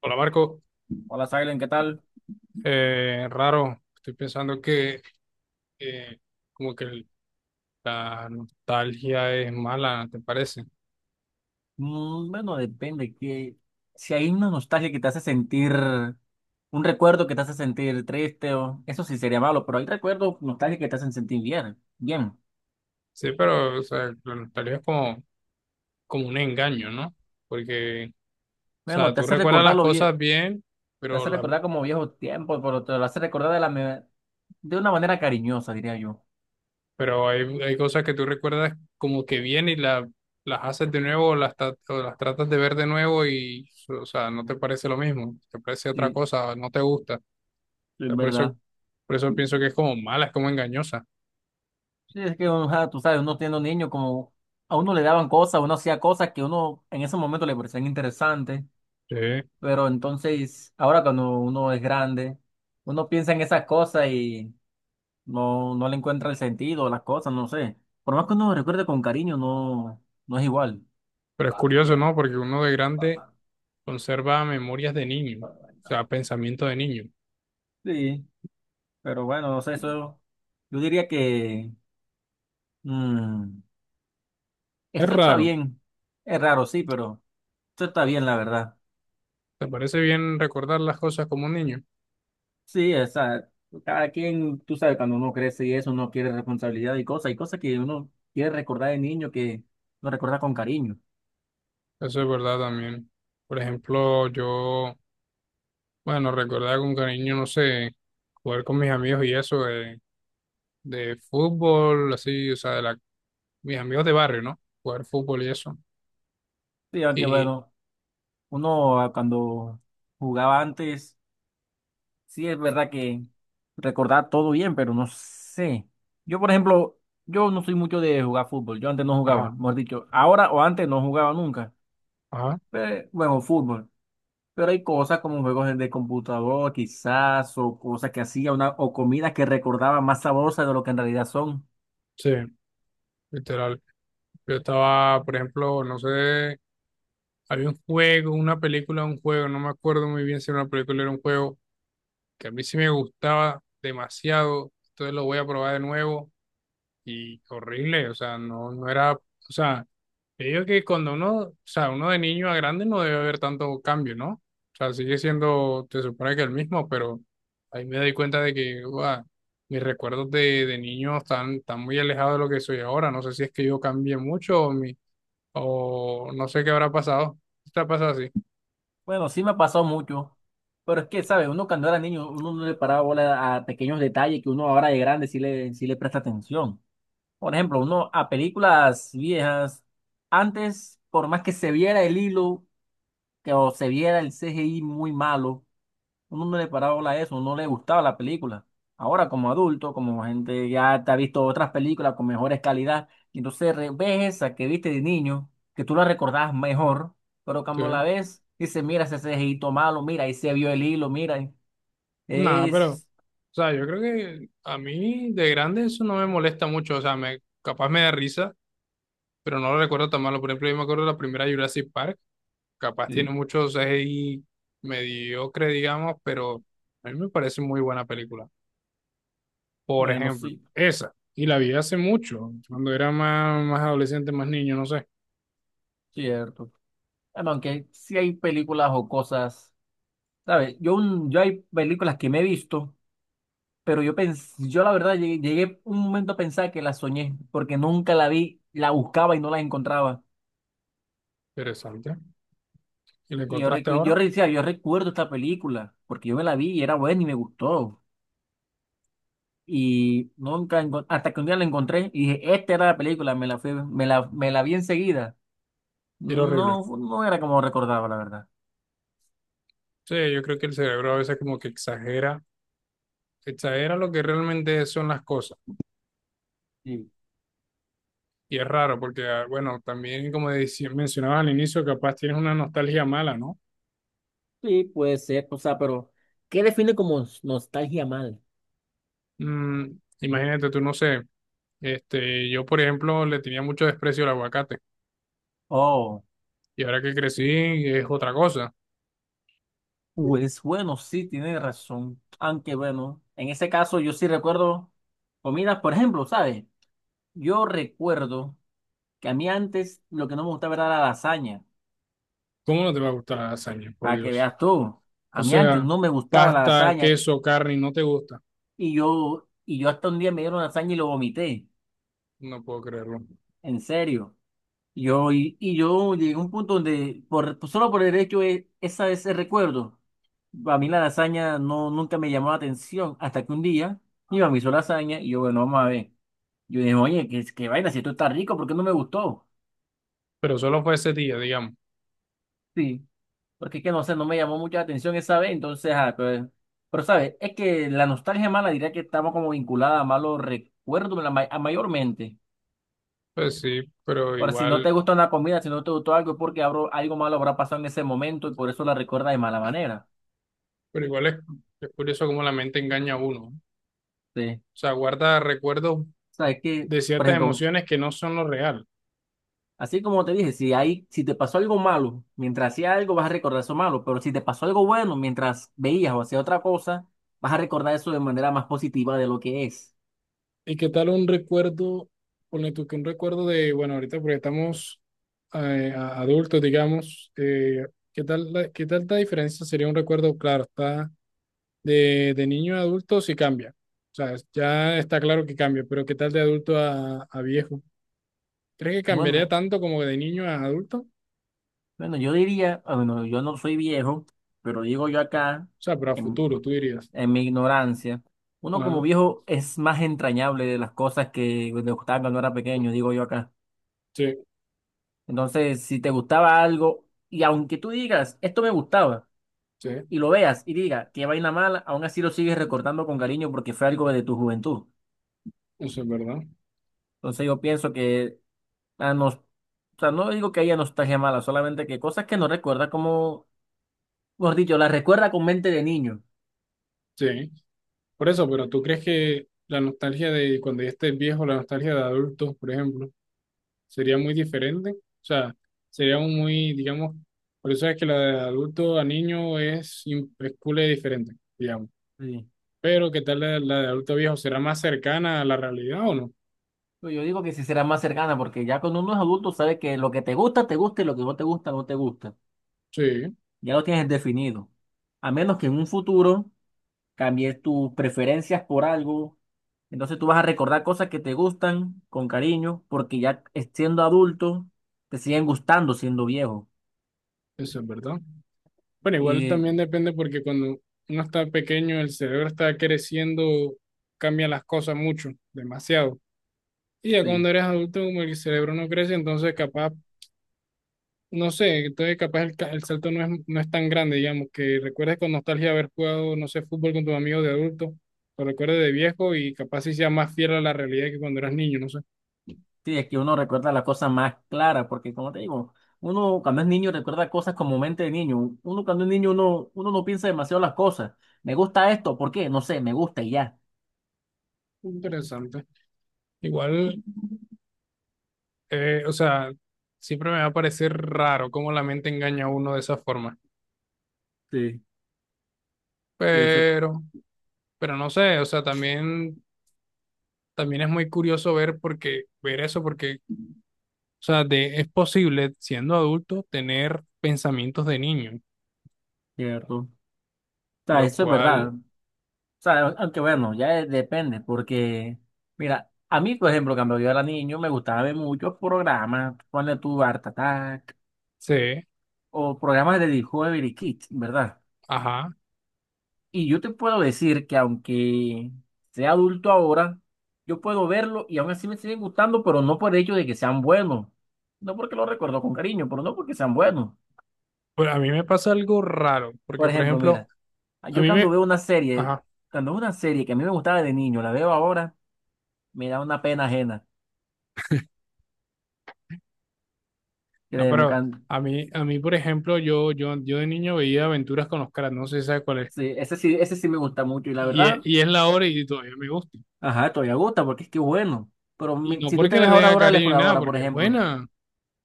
Hola, Marco. Hola, Silent, ¿qué tal? Raro, estoy pensando que eh, como que la nostalgia es mala, ¿te parece? Bueno, depende que si hay una nostalgia que te hace sentir, un recuerdo que te hace sentir triste, o eso sí sería malo, pero hay recuerdos nostálgicos que te hacen sentir bien, bien. Sí, pero o sea, la nostalgia es como un engaño, ¿no? Porque, o Bueno, sea, tú recuerdas las cosas bien. te pero, hace la, recordar como viejos tiempos, pero te lo hace recordar de una manera cariñosa, diría yo. pero hay cosas que tú recuerdas como que bien y las haces de nuevo, o las tratas de ver de nuevo y, o sea, no te parece lo mismo, te parece otra Sí, cosa, no te gusta. O es sea, por eso, verdad. por eso pienso que es como mala, es como engañosa. Sí, es que uno, tú sabes, uno siendo niño como a uno le daban cosas, uno hacía cosas que uno en ese momento le parecían interesantes. Sí. Pero entonces, ahora cuando uno es grande, uno piensa en esas cosas y no le encuentra el sentido a las cosas, no sé. Por más que uno recuerde con cariño, no, no es igual. Pero es curioso, ¿no? Porque uno de grande conserva memorias de niño, o sea, pensamiento de niño. Sí, pero bueno, no sé, eso. Yo diría que mm, Es esto está raro. bien. Es raro, sí, pero esto está bien, la verdad. ¿Te parece bien recordar las cosas como un niño? Sí, esa, cada quien, tú sabes, cuando uno crece y eso, uno quiere responsabilidad y cosas que uno quiere recordar de niño que lo recuerda con cariño. Eso es verdad también. Por ejemplo, yo, bueno, recordaba con cariño, no sé, jugar con mis amigos y eso de fútbol, así, o sea, mis amigos de barrio, ¿no? Jugar fútbol y eso. Sí, aunque Y, bueno, uno, cuando jugaba antes, sí es verdad que recordaba todo bien, pero no sé. Yo, por ejemplo, yo no soy mucho de jugar fútbol, yo antes no jugaba, ajá, mejor dicho, ahora o antes no jugaba nunca, ajá, pero bueno, fútbol. Pero hay cosas como juegos de computador, quizás, o cosas que hacía una, o comidas que recordaba más sabrosas de lo que en realidad son. sí, literal. Yo estaba, por ejemplo, no sé. Había un juego, una película, un juego, no me acuerdo muy bien si era una película o era un juego, que a mí sí me gustaba demasiado, entonces lo voy a probar de nuevo y horrible, o sea, no era, o sea, yo digo que cuando uno, o sea, uno de niño a grande no debe haber tanto cambio, ¿no? O sea, sigue siendo, te supone que el mismo, pero ahí me doy cuenta de que, uah, mis recuerdos de niño están muy alejados de lo que soy ahora, no sé si es que yo cambié mucho o o no sé qué habrá pasado, está pasado así. Bueno, sí me ha pasado mucho, pero es que, ¿sabes? Uno cuando era niño, uno no le paraba bola a pequeños detalles que uno ahora de grande sí le presta atención. Por ejemplo, uno a películas viejas, antes, por más que se viera el hilo que, o se viera el CGI muy malo, uno no le paraba bola a eso, uno le gustaba la película. Ahora, como adulto, como gente ya te ha visto otras películas con mejores calidad, y entonces ves esa que viste de niño, que tú la recordabas mejor, pero Sí. cuando la ves, dices, mira ese cejito malo, mira, ahí se vio el hilo, mira. Nada, pero, o Es. sea, yo creo que a mí de grande eso no me molesta mucho, o sea, capaz me da risa, pero no lo recuerdo tan malo. Por ejemplo, yo me acuerdo de la primera Jurassic Park, capaz tiene Sí, muchos CGI mediocre, digamos, pero a mí me parece muy buena película. Por bueno, ejemplo, sí, esa, y la vi hace mucho, cuando era más, más adolescente, más niño, no sé. cierto. Bueno, aunque sí hay películas o cosas, ¿sabes? Yo hay películas que me he visto. Pero yo la verdad llegué un momento a pensar que la soñé, porque nunca la vi, la buscaba y no la encontraba. Interesante. ¿Y la Y yo, encontraste recu- yo ahora? re- decía, yo recuerdo esta película, porque yo me la vi y era buena y me gustó. Y nunca, hasta que un día la encontré y dije, esta era la película, me la fui, me la vi enseguida. Era horrible. No, no era como recordaba, la verdad. Sí, yo creo que el cerebro a veces como que exagera lo que realmente son las cosas. Sí, Y es raro porque, ah, bueno, también como mencionabas al inicio, capaz tienes una nostalgia mala, ¿no? sí, puede ser, o sea, pero ¿qué define como nostalgia mal? Mm, Imagínate, tú no sé, este, yo por ejemplo le tenía mucho desprecio al aguacate Oh. y ahora que crecí es otra cosa. Pues bueno, sí, tiene razón. Aunque bueno, en ese caso yo sí recuerdo comidas, por ejemplo, ¿sabes? Yo recuerdo que a mí antes lo que no me gustaba era la lasaña, ¿Cómo no te va a gustar la lasaña, por para que Dios? veas tú. O A mí antes sea, no me gustaba la pasta, lasaña queso, carne, y no te gusta. y yo hasta un día me dieron lasaña y lo vomité, No puedo creerlo. en serio. Yo, y yo llegué a un punto donde, por, pues, solo por el hecho de esa, ese recuerdo, a mí la lasaña no, nunca me llamó la atención, hasta que un día mi mamá hizo lasaña y yo, bueno, vamos a ver. Yo dije, oye, qué vaina, si esto está rico, ¿por qué no me gustó? Pero solo fue ese día, digamos. Sí, porque es que no sé, no me llamó mucha atención esa vez, entonces, ah, pues, pero sabes, es que la nostalgia mala diría que estamos como vinculada a malos recuerdos a mayormente. Pues sí, pero Por si no igual, te gusta una comida, si no te gustó algo, es porque algo malo habrá pasado en ese momento y por eso la recuerda de mala manera. pero igual es curioso cómo la mente engaña a uno, ¿no? O Sí. sea, guarda recuerdos O sea, es que, de por ciertas ejemplo, emociones que no son lo real. así como te dije, si hay, si te pasó algo malo, mientras hacía algo vas a recordar eso malo, pero si te pasó algo bueno mientras veías o hacías otra cosa, vas a recordar eso de manera más positiva de lo que es. ¿Y qué tal un recuerdo, ponle tú que un recuerdo de, bueno, ahorita porque estamos adultos, digamos, ¿qué tal, qué tal la diferencia sería un recuerdo, claro, está de niño a adulto sí cambia, o sea, ya está claro que cambia, pero ¿qué tal de adulto a viejo? ¿Crees que cambiaría Bueno, tanto como de niño a adulto? O bueno, yo diría, ah, bueno, yo no soy viejo, pero digo yo acá, sea, pero a en, futuro, tú dirías. en mi ignorancia, uno Ajá, como viejo es más entrañable de las cosas que le gustaban cuando era pequeño, digo yo acá. sí, Entonces, si te gustaba algo, y aunque tú digas, esto me gustaba, sí, y lo veas y diga, qué vaina mala, aún así lo sigues recordando con cariño porque fue algo de tu juventud. eso es verdad. Entonces yo pienso que o sea, no digo que haya nostalgia mala, solamente que cosas que no recuerda como, mejor dicho, las recuerda con mente de niño. Sí, por eso, pero ¿tú crees que la nostalgia de cuando ya estés viejo, la nostalgia de adultos, por ejemplo, sería muy diferente? O sea, sería un muy, digamos, por eso es que la de adulto a niño es cool y diferente, digamos. Sí. Pero ¿qué tal la de adulto a viejo? ¿Será más cercana a la realidad o no? Pues yo digo que sí será más cercana porque ya cuando uno es adulto sabe que lo que te gusta y lo que no te gusta, no te gusta. Sí, Ya lo tienes definido. A menos que en un futuro cambies tus preferencias por algo. Entonces tú vas a recordar cosas que te gustan con cariño, porque siendo adulto te siguen gustando siendo viejo. eso es verdad. Bueno, igual Eh, también depende porque cuando uno está pequeño, el cerebro está creciendo, cambia las cosas mucho, demasiado. Y ya Sí. cuando eres adulto, como el cerebro no crece, entonces capaz no sé, entonces capaz el salto no es tan grande, digamos, que recuerdes con nostalgia haber jugado, no sé, fútbol con tus amigos de adulto, lo recuerdes de viejo y capaz sí sea más fiel a la realidad que cuando eras niño, no sé. Sí, es que uno recuerda las cosas más claras, porque como te digo, uno cuando es niño recuerda cosas como mente de niño. Uno cuando es niño uno no piensa demasiado las cosas. Me gusta esto, ¿por qué? No sé, me gusta y ya. Interesante. Igual, o sea, siempre me va a parecer raro cómo la mente engaña a uno de esa forma, Sí, puede ser. pero, pero no sé, o sea, también es muy curioso ver porque, ver eso, porque, o sea, es posible, siendo adulto, tener pensamientos de niño, Cierto. O sea, lo eso es verdad. cual... O sea, aunque bueno, depende, porque, mira, a mí, por ejemplo, cuando yo era niño, me gustaba ver muchos programas, ponle tu Art Attack, Sí. o programas de Discovery Kids, ¿verdad? Ajá. Y yo te puedo decir que aunque sea adulto ahora, yo puedo verlo y aún así me siguen gustando, pero no por el hecho de que sean buenos, no porque lo recuerdo con cariño, pero no porque sean buenos. Bueno, a mí me pasa algo raro, porque Por por ejemplo, ejemplo, mira, a yo mí cuando me, veo una serie, ajá, cuando veo una serie que a mí me gustaba de niño, la veo ahora, me da una pena ajena. no, Créeme, pero a mí por ejemplo, yo de niño veía Aventuras con los caras, no sé si sabes cuál es, sí, ese sí me gusta mucho y la verdad, y es la hora y todavía me gusta. ajá, todavía gusta porque es que es bueno. Pero Y mi- no si tú porque te le ves ahora tenga Dora de la cariño ni nada, Exploradora, por porque es ejemplo, buena.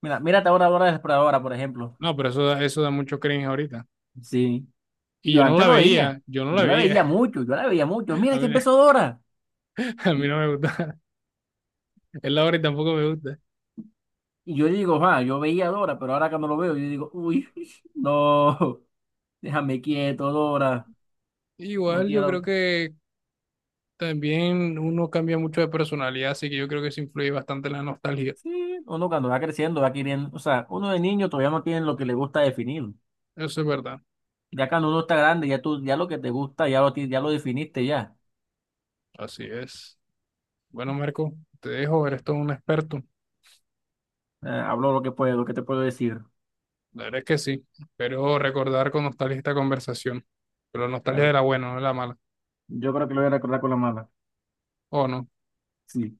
mira, mírate ahora Dora de la Exploradora, por ejemplo. No, pero eso da mucho cringe ahorita. Sí, y Y yo yo no antes la lo veía, veía, yo no la veía. Yo la veía mucho. Mira, ya empezó Dora. A mí Y, no me gusta. Es la hora y tampoco me gusta. y yo digo, ah, yo veía a Dora, pero ahora cuando lo veo, yo digo, uy, no, déjame quieto, Dora, no Igual yo creo quiero. que también uno cambia mucho de personalidad, así que yo creo que eso influye bastante en la nostalgia. Sí, uno cuando va creciendo va queriendo, o sea, uno de niño todavía no tiene lo que le gusta definir. Eso es verdad. Ya cuando uno está grande, ya tú, ya lo que te gusta, ya lo definiste ya. Así es. Bueno, Marco, te dejo, eres todo un experto. Hablo lo que puedo, lo que te puedo decir. La verdad es que sí. Espero recordar con nostalgia esta conversación. Pero La- nostalgia de ver- la buena, no de la mala. Yo creo que lo voy a recordar con la mala. ¿O no? Sí.